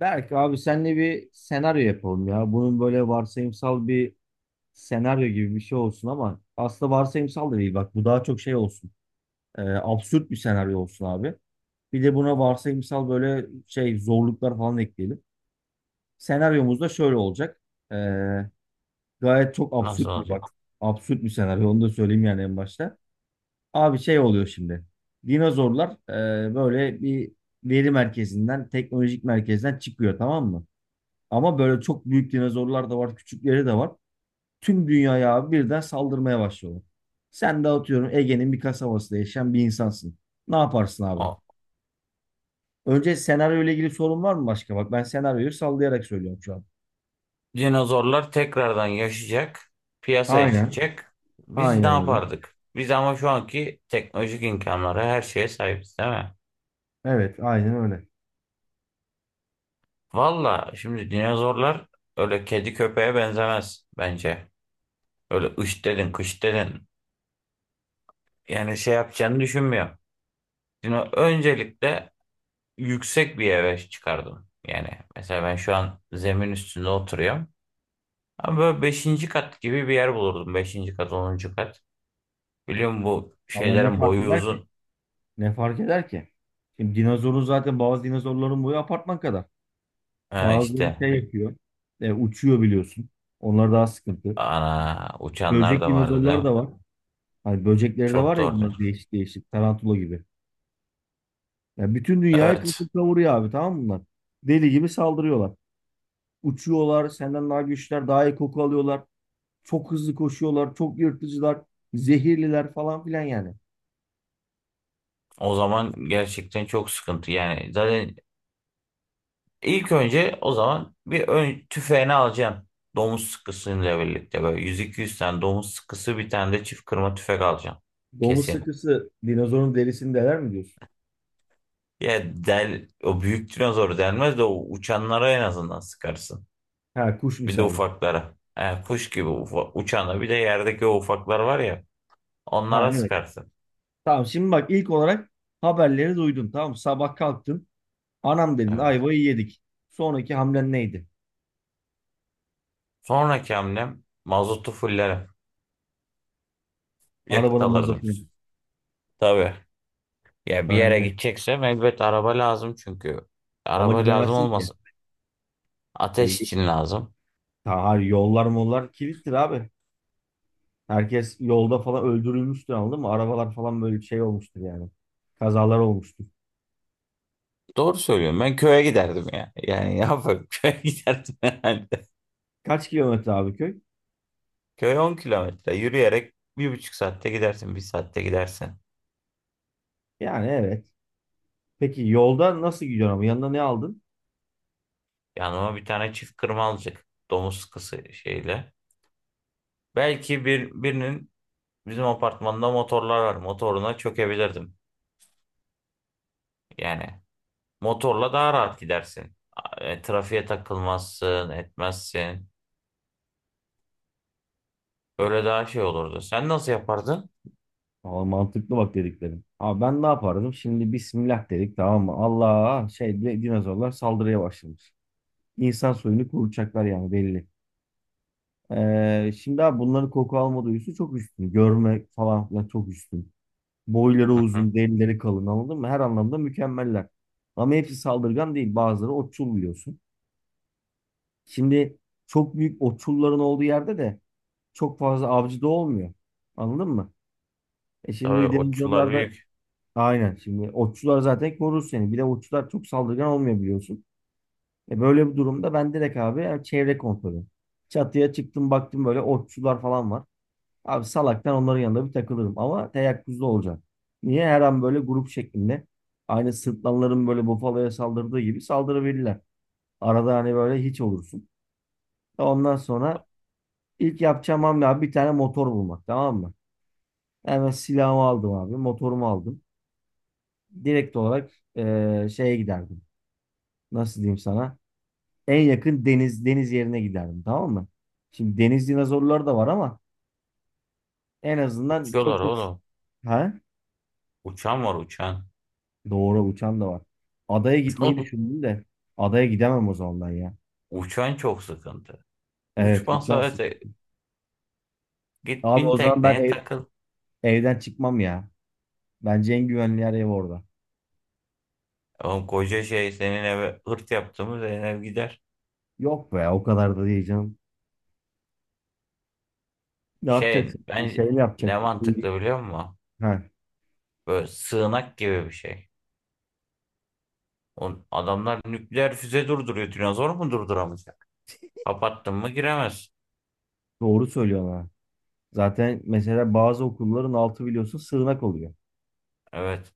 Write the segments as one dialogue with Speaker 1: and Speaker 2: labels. Speaker 1: Berk abi senle bir senaryo yapalım ya. Bunun böyle varsayımsal bir senaryo gibi bir şey olsun ama aslında varsayımsal da değil bak bu daha çok şey olsun. Absürt bir senaryo olsun abi. Bir de buna varsayımsal böyle şey zorluklar falan ekleyelim. Senaryomuz da şöyle olacak. Ee, Gayet çok absürt
Speaker 2: Nasıl
Speaker 1: bir bak.
Speaker 2: olacak?
Speaker 1: Absürt bir senaryo onu da söyleyeyim yani en başta. Abi şey oluyor şimdi. Dinozorlar böyle bir veri merkezinden, teknolojik merkezden çıkıyor, tamam mı? Ama böyle çok büyük dinozorlar da var, küçükleri de var. Tüm dünyaya abi birden saldırmaya başlıyorlar. Sen de atıyorum Ege'nin bir kasabasında yaşayan bir insansın. Ne yaparsın abi?
Speaker 2: O
Speaker 1: Önce senaryo ile ilgili sorun var mı başka? Bak ben senaryoyu sallayarak söylüyorum şu an.
Speaker 2: dinozorlar tekrardan yaşayacak, piyasaya
Speaker 1: Aynen.
Speaker 2: çıkacak. Biz ne
Speaker 1: Aynen öyle.
Speaker 2: yapardık? Biz ama şu anki teknolojik imkanlara her şeye sahibiz, değil mi?
Speaker 1: Evet, aynen öyle.
Speaker 2: Valla şimdi dinozorlar öyle kedi köpeğe benzemez bence. Öyle ış dedin, kış dedin. Yani şey yapacağını düşünmüyorum. Dino öncelikle yüksek bir eve çıkardım. Yani mesela ben şu an zemin üstünde oturuyorum. Ama böyle beşinci kat gibi bir yer bulurdum. Beşinci kat, 10. kat. Biliyor musun bu
Speaker 1: Ama ne
Speaker 2: şeylerin
Speaker 1: fark
Speaker 2: boyu
Speaker 1: eder ki?
Speaker 2: uzun.
Speaker 1: Ne fark eder ki? Şimdi dinozorun zaten bazı dinozorların boyu apartman kadar.
Speaker 2: Ha
Speaker 1: Bazıları
Speaker 2: işte
Speaker 1: şey yapıyor. Uçuyor biliyorsun. Onlar daha sıkıntı.
Speaker 2: ana uçanlar
Speaker 1: Böcek
Speaker 2: da vardı
Speaker 1: dinozorlar
Speaker 2: da.
Speaker 1: da var. Hani böcekleri de
Speaker 2: Çok
Speaker 1: var ya
Speaker 2: doğru.
Speaker 1: bunlar değişik değişik. Tarantula gibi. Ya bütün dünyayı
Speaker 2: Evet.
Speaker 1: kasıp kavuruyor abi, tamam mı bunlar? Deli gibi saldırıyorlar. Uçuyorlar. Senden daha güçlüler. Daha iyi koku alıyorlar. Çok hızlı koşuyorlar. Çok yırtıcılar. Zehirliler falan filan yani.
Speaker 2: O zaman gerçekten çok sıkıntı. Yani zaten ilk önce o zaman bir ön tüfeğini alacaksın. Domuz sıkısıyla birlikte böyle 100-200 tane domuz sıkısı, bir tane de çift kırma tüfek alacaksın.
Speaker 1: Domuz
Speaker 2: Kesin.
Speaker 1: sıkısı dinozorun derisini deler mi diyorsun?
Speaker 2: Ya del, o büyük dinozoru delmez de o uçanlara en azından sıkarsın.
Speaker 1: Ha, kuş
Speaker 2: Bir de
Speaker 1: misali.
Speaker 2: ufaklara. E, kuş gibi uçana, bir de yerdeki o ufaklar var ya.
Speaker 1: Ha,
Speaker 2: Onlara
Speaker 1: evet.
Speaker 2: sıkarsın.
Speaker 1: Tamam, şimdi bak, ilk olarak haberleri duydun. Tamam mı? Sabah kalktın. Anam dedin
Speaker 2: Evet.
Speaker 1: ayvayı yedik. Sonraki hamlen neydi?
Speaker 2: Sonraki hamlem mazotu fullerim. Yakıt
Speaker 1: Arabanın
Speaker 2: alırdım.
Speaker 1: mazotunu.
Speaker 2: Tabii. Ya bir yere
Speaker 1: Önemli.
Speaker 2: gideceksem elbet araba lazım çünkü.
Speaker 1: Ama
Speaker 2: Araba lazım
Speaker 1: gidemezsin ki.
Speaker 2: olmasın.
Speaker 1: Yani.
Speaker 2: Ateş için lazım.
Speaker 1: Ha, hayır, yollar mollar kilittir abi. Herkes yolda falan öldürülmüştür, anladın mı? Arabalar falan böyle şey olmuştur yani. Kazalar olmuştur.
Speaker 2: Doğru söylüyorum. Ben köye giderdim ya. Yani ne yapayım? Köye giderdim herhalde.
Speaker 1: Kaç kilometre abi köy?
Speaker 2: Köy 10 km. Yürüyerek 1,5 saatte gidersin. Bir saatte gidersin.
Speaker 1: Yani evet. Peki yolda nasıl gidiyorsun ama yanına ne aldın?
Speaker 2: Yanıma bir tane çift kırma alacak. Domuz sıkısı şeyle. Belki birinin bizim apartmanda motorlar var. Motoruna çökebilirdim. Yani motorla daha rahat gidersin. Trafiğe takılmazsın, etmezsin. Öyle daha şey olurdu. Sen nasıl yapardın?
Speaker 1: Aa, mantıklı bak dediklerim. Abi ben ne yapardım? Şimdi Bismillah dedik, tamam mı? Allah şey dinozorlar saldırıya başlamış. İnsan soyunu kuracaklar yani, belli. Şimdi abi bunların koku alma duyusu çok üstün. Görme falan filan çok üstün. Boyları
Speaker 2: Hı hı.
Speaker 1: uzun, delileri kalın, anladın mı? Her anlamda mükemmeller. Ama hepsi saldırgan değil. Bazıları otçul biliyorsun. Şimdi çok büyük otçulların olduğu yerde de çok fazla avcı da olmuyor. Anladın mı?
Speaker 2: Tabii
Speaker 1: Şimdi
Speaker 2: otçular
Speaker 1: denizlerde
Speaker 2: büyük.
Speaker 1: aynen, şimdi otçular zaten korur seni. Bir de otçular çok saldırgan olmuyor biliyorsun. Böyle bir durumda ben direkt abi, yani çevre kontrolü. Çatıya çıktım, baktım böyle otçular falan var. Abi salaktan onların yanında bir takılırım ama teyakkuzda olacağım. Niye? Her an böyle grup şeklinde aynı sırtlanların böyle bufaloya saldırdığı gibi saldırabilirler. Arada hani böyle hiç olursun. Ondan sonra ilk yapacağım hamle abi bir tane motor bulmak, tamam mı? Hemen silahımı aldım abi, motorumu aldım. Direkt olarak şeye giderdim. Nasıl diyeyim sana? En yakın deniz yerine giderdim, tamam mı? Şimdi deniz dinozorları da var ama en azından
Speaker 2: Uçuyorlar
Speaker 1: çok da...
Speaker 2: oğlum.
Speaker 1: Ha?
Speaker 2: Uçan var, uçan.
Speaker 1: Doğru, uçan da var. Adaya gitmeyi düşündüm de adaya gidemem o zaman ben ya.
Speaker 2: Uçan çok sıkıntı.
Speaker 1: Evet,
Speaker 2: Uçma,
Speaker 1: uçan
Speaker 2: sadece
Speaker 1: sıkıntı.
Speaker 2: git,
Speaker 1: Abi
Speaker 2: bin
Speaker 1: o zaman ben
Speaker 2: tekneye takıl.
Speaker 1: evden çıkmam ya. Bence en güvenli yer ev orada.
Speaker 2: Oğlum koca şey, senin eve hırt yaptığımız ev gider.
Speaker 1: Yok be, o kadar da değil canım. Ne
Speaker 2: Şey
Speaker 1: yapacaksın?
Speaker 2: ben,
Speaker 1: Şey ne
Speaker 2: ne
Speaker 1: yapacak?
Speaker 2: mantıklı biliyor musun?
Speaker 1: Ha,
Speaker 2: Böyle sığınak gibi bir şey. O adamlar nükleer füze durduruyor. Dinozor mu durduramayacak? Kapattın mı giremez.
Speaker 1: doğru söylüyorsun ha. Zaten mesela bazı okulların altı biliyorsun sığınak oluyor.
Speaker 2: Evet.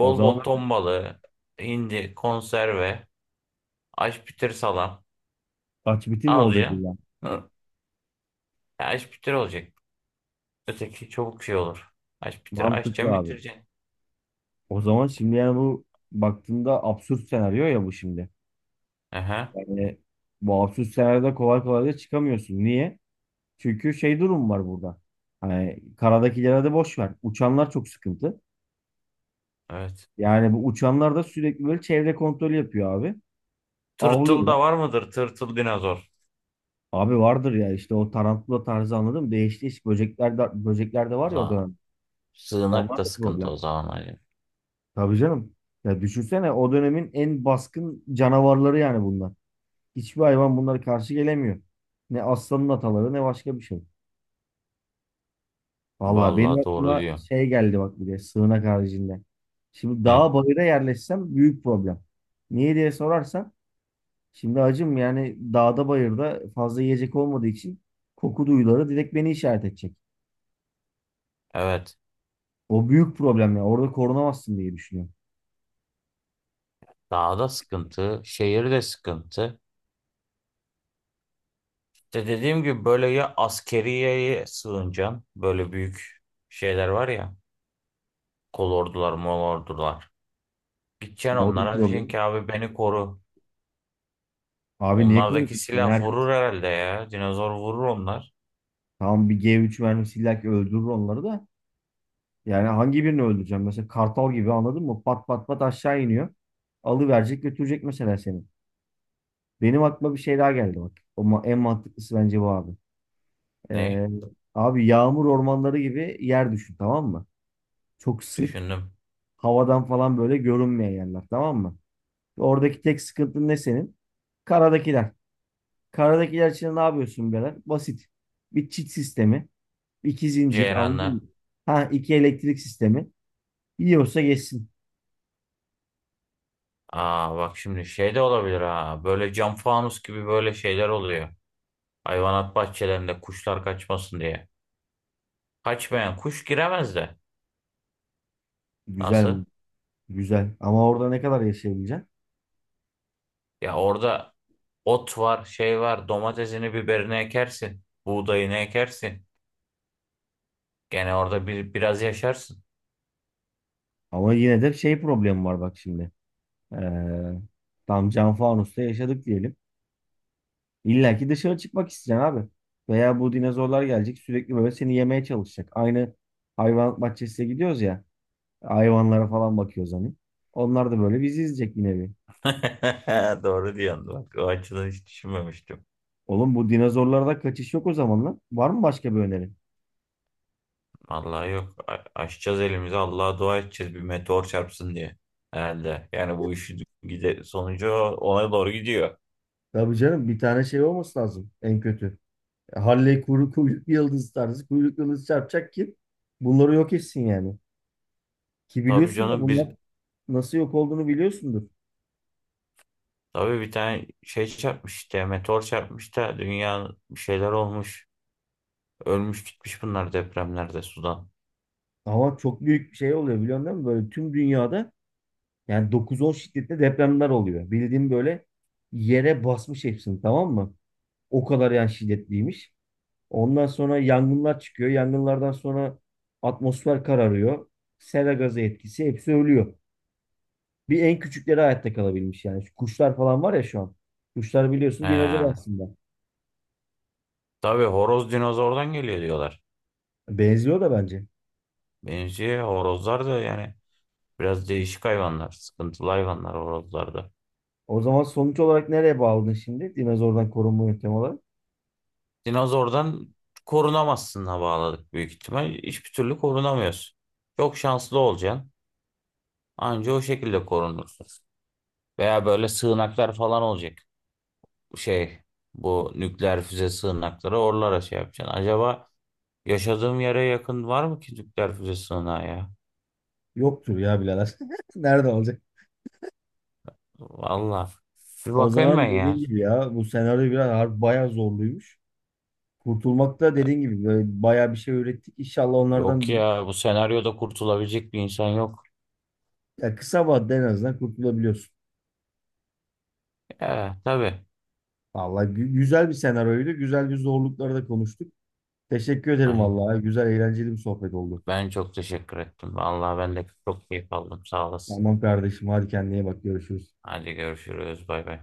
Speaker 1: O zaman
Speaker 2: bol ton balığı, hindi, konserve, aşpitir salam.
Speaker 1: aç bitir mi
Speaker 2: Al
Speaker 1: olacak
Speaker 2: ya.
Speaker 1: illa?
Speaker 2: Hı. Ya, aşpitir olacak. Öteki çabuk şey olur. Aşpitir, açacaksın
Speaker 1: Mantıklı abi.
Speaker 2: bitireceksin.
Speaker 1: O zaman şimdi yani bu baktığında absürt senaryo ya bu şimdi.
Speaker 2: Aha,
Speaker 1: Yani bu absürt senaryoda kolay kolay da çıkamıyorsun. Niye? Çünkü şey durum var burada. Hani karadakilere de boş ver. Uçanlar çok sıkıntı.
Speaker 2: evet.
Speaker 1: Yani bu uçanlar da sürekli böyle çevre kontrolü yapıyor abi.
Speaker 2: Tırtıl
Speaker 1: Avlıyorlar.
Speaker 2: da var mıdır? Tırtıl dinozor.
Speaker 1: Abi vardır ya, işte o tarantula tarzı, anladın mı? Değişik değişik böcekler de, böcekler de var ya o
Speaker 2: Valla
Speaker 1: dönem.
Speaker 2: sığınak
Speaker 1: Onlar
Speaker 2: da
Speaker 1: da
Speaker 2: sıkıntı o
Speaker 1: problem.
Speaker 2: zaman Ali.
Speaker 1: Tabii canım. Ya düşünsene, o dönemin en baskın canavarları yani bunlar. Hiçbir hayvan bunlara karşı gelemiyor. Ne aslanın ataları ne başka bir şey. Vallahi benim
Speaker 2: Vallahi doğru
Speaker 1: aklıma
Speaker 2: diyor.
Speaker 1: şey geldi bak, bir de sığınak haricinde. Şimdi
Speaker 2: Hı.
Speaker 1: dağa bayıra yerleşsem büyük problem. Niye diye sorarsan, şimdi acım yani dağda bayırda fazla yiyecek olmadığı için koku duyuları direkt beni işaret edecek.
Speaker 2: Evet.
Speaker 1: O büyük problem ya. Orada korunamazsın diye düşünüyorum.
Speaker 2: Dağda sıkıntı, şehirde sıkıntı. İşte dediğim gibi böyle, ya askeriyeye sığınacaksın. Böyle büyük şeyler var ya. Kolordular, molordular. Gideceksin
Speaker 1: Ya o da bir
Speaker 2: onlara diyeceksin
Speaker 1: problem.
Speaker 2: ki abi beni koru.
Speaker 1: Abi niye
Speaker 2: Onlardaki
Speaker 1: konuşuyorsun? Yani
Speaker 2: silah
Speaker 1: herkes
Speaker 2: vurur herhalde ya. Dinozor vurur onlar.
Speaker 1: tamam, bir G3 vermiş illa ki öldürür onları da. Yani hangi birini öldüreceğim? Mesela kartal gibi, anladın mı? Pat pat pat aşağı iniyor. Alıverecek, götürecek mesela seni. Benim aklıma bir şey daha geldi bak. Ama en mantıklısı bence bu abi.
Speaker 2: Ne?
Speaker 1: Ee, Abi yağmur ormanları gibi yer düşün, tamam mı? Çok sık
Speaker 2: Düşündüm.
Speaker 1: havadan falan böyle görünmeyen yerler, tamam mı? Oradaki tek sıkıntın ne senin? Karadakiler. Karadakiler için ne yapıyorsun birader? Basit. Bir, çit sistemi; iki, zincir,
Speaker 2: Ceyran'la.
Speaker 1: anladın mı? Ha, iki elektrik sistemi. Yiyorsa geçsin.
Speaker 2: Aa, bak şimdi şey de olabilir ha. Böyle cam fanus gibi böyle şeyler oluyor. Hayvanat bahçelerinde kuşlar kaçmasın diye. Kaçmayan kuş giremez de.
Speaker 1: Güzel mi?
Speaker 2: Nasıl?
Speaker 1: Güzel. Ama orada ne kadar yaşayabileceksin?
Speaker 2: Ya orada ot var, şey var. Domatesini, biberini ekersin. Buğdayını ekersin. Gene orada biraz yaşarsın.
Speaker 1: Ama yine de şey problemi var bak şimdi. Ee, Tam cam fanusta yaşadık diyelim. İlla ki dışarı çıkmak isteyeceksin abi. Veya bu dinozorlar gelecek, sürekli böyle seni yemeye çalışacak. Aynı hayvan bahçesine gidiyoruz ya. Hayvanlara falan bakıyoruz hani. Onlar da böyle bizi izleyecek, yine bir nevi.
Speaker 2: Doğru diyorsun. Bak, o açıdan hiç düşünmemiştim.
Speaker 1: Oğlum, bu dinozorlarda kaçış yok o zaman lan. Var mı başka bir öneri?
Speaker 2: Vallahi yok. Açacağız elimizi. Allah'a dua edeceğiz bir meteor çarpsın diye. Herhalde. Yani bu işi sonucu ona doğru gidiyor.
Speaker 1: Tabii canım, bir tane şey olması lazım en kötü. Halley kuru kuyruklu yıldız tarzı kuyruklu yıldız çarpacak ki bunları yok etsin yani. Ki
Speaker 2: Tabii
Speaker 1: biliyorsun da
Speaker 2: canım
Speaker 1: bunlar nasıl yok olduğunu biliyorsundur.
Speaker 2: tabii bir tane şey çarpmış, işte meteor çarpmış da dünya bir şeyler olmuş. Ölmüş gitmiş bunlar depremlerde sudan.
Speaker 1: Ama çok büyük bir şey oluyor biliyorsun, değil? Böyle tüm dünyada yani 9-10 şiddetli depremler oluyor. Bildiğim böyle yere basmış hepsini, tamam mı? O kadar yani şiddetliymiş. Ondan sonra yangınlar çıkıyor. Yangınlardan sonra atmosfer kararıyor. Sera gazı etkisi, hepsi ölüyor. Bir en küçükleri hayatta kalabilmiş yani. Şu kuşlar falan var ya şu an. Kuşlar biliyorsun dinozor
Speaker 2: He.
Speaker 1: aslında.
Speaker 2: Tabii horoz dinozordan geliyor diyorlar.
Speaker 1: Benziyor da bence.
Speaker 2: Benziyor horozlar da, yani biraz değişik hayvanlar. Sıkıntılı hayvanlar horozlar da.
Speaker 1: O zaman sonuç olarak nereye bağladın şimdi? Dinozordan korunma yöntemi olarak.
Speaker 2: Dinozordan korunamazsın, bağladık büyük ihtimal. Hiçbir türlü korunamıyorsun. Çok şanslı olacaksın. Anca o şekilde korunursun. Veya böyle sığınaklar falan olacak. Şey, bu nükleer füze sığınakları, oralara şey yapacaksın. Acaba yaşadığım yere yakın var mı ki nükleer füze sığınağı ya?
Speaker 1: Yoktur ya birader. Nerede olacak?
Speaker 2: Valla. Bir
Speaker 1: O
Speaker 2: bakayım ben
Speaker 1: zaman
Speaker 2: ya.
Speaker 1: dediğin gibi ya, bu senaryo biraz harbi bayağı zorluymuş. Kurtulmak da dediğin gibi böyle bayağı bir şey öğrettik. İnşallah
Speaker 2: Yok
Speaker 1: onlardan bir,
Speaker 2: ya, bu senaryoda kurtulabilecek bir insan yok.
Speaker 1: ya kısa vadede en azından kurtulabiliyorsun.
Speaker 2: Ya tabii.
Speaker 1: Vallahi güzel bir senaryoydu. Güzel bir zorlukları da konuştuk. Teşekkür ederim
Speaker 2: Aynen.
Speaker 1: vallahi. Güzel, eğlenceli bir sohbet oldu.
Speaker 2: Ben çok teşekkür ettim. Vallahi ben de çok keyif aldım. Sağ olasın.
Speaker 1: Tamam kardeşim, hadi kendine iyi bak, görüşürüz.
Speaker 2: Hadi görüşürüz. Bay bay.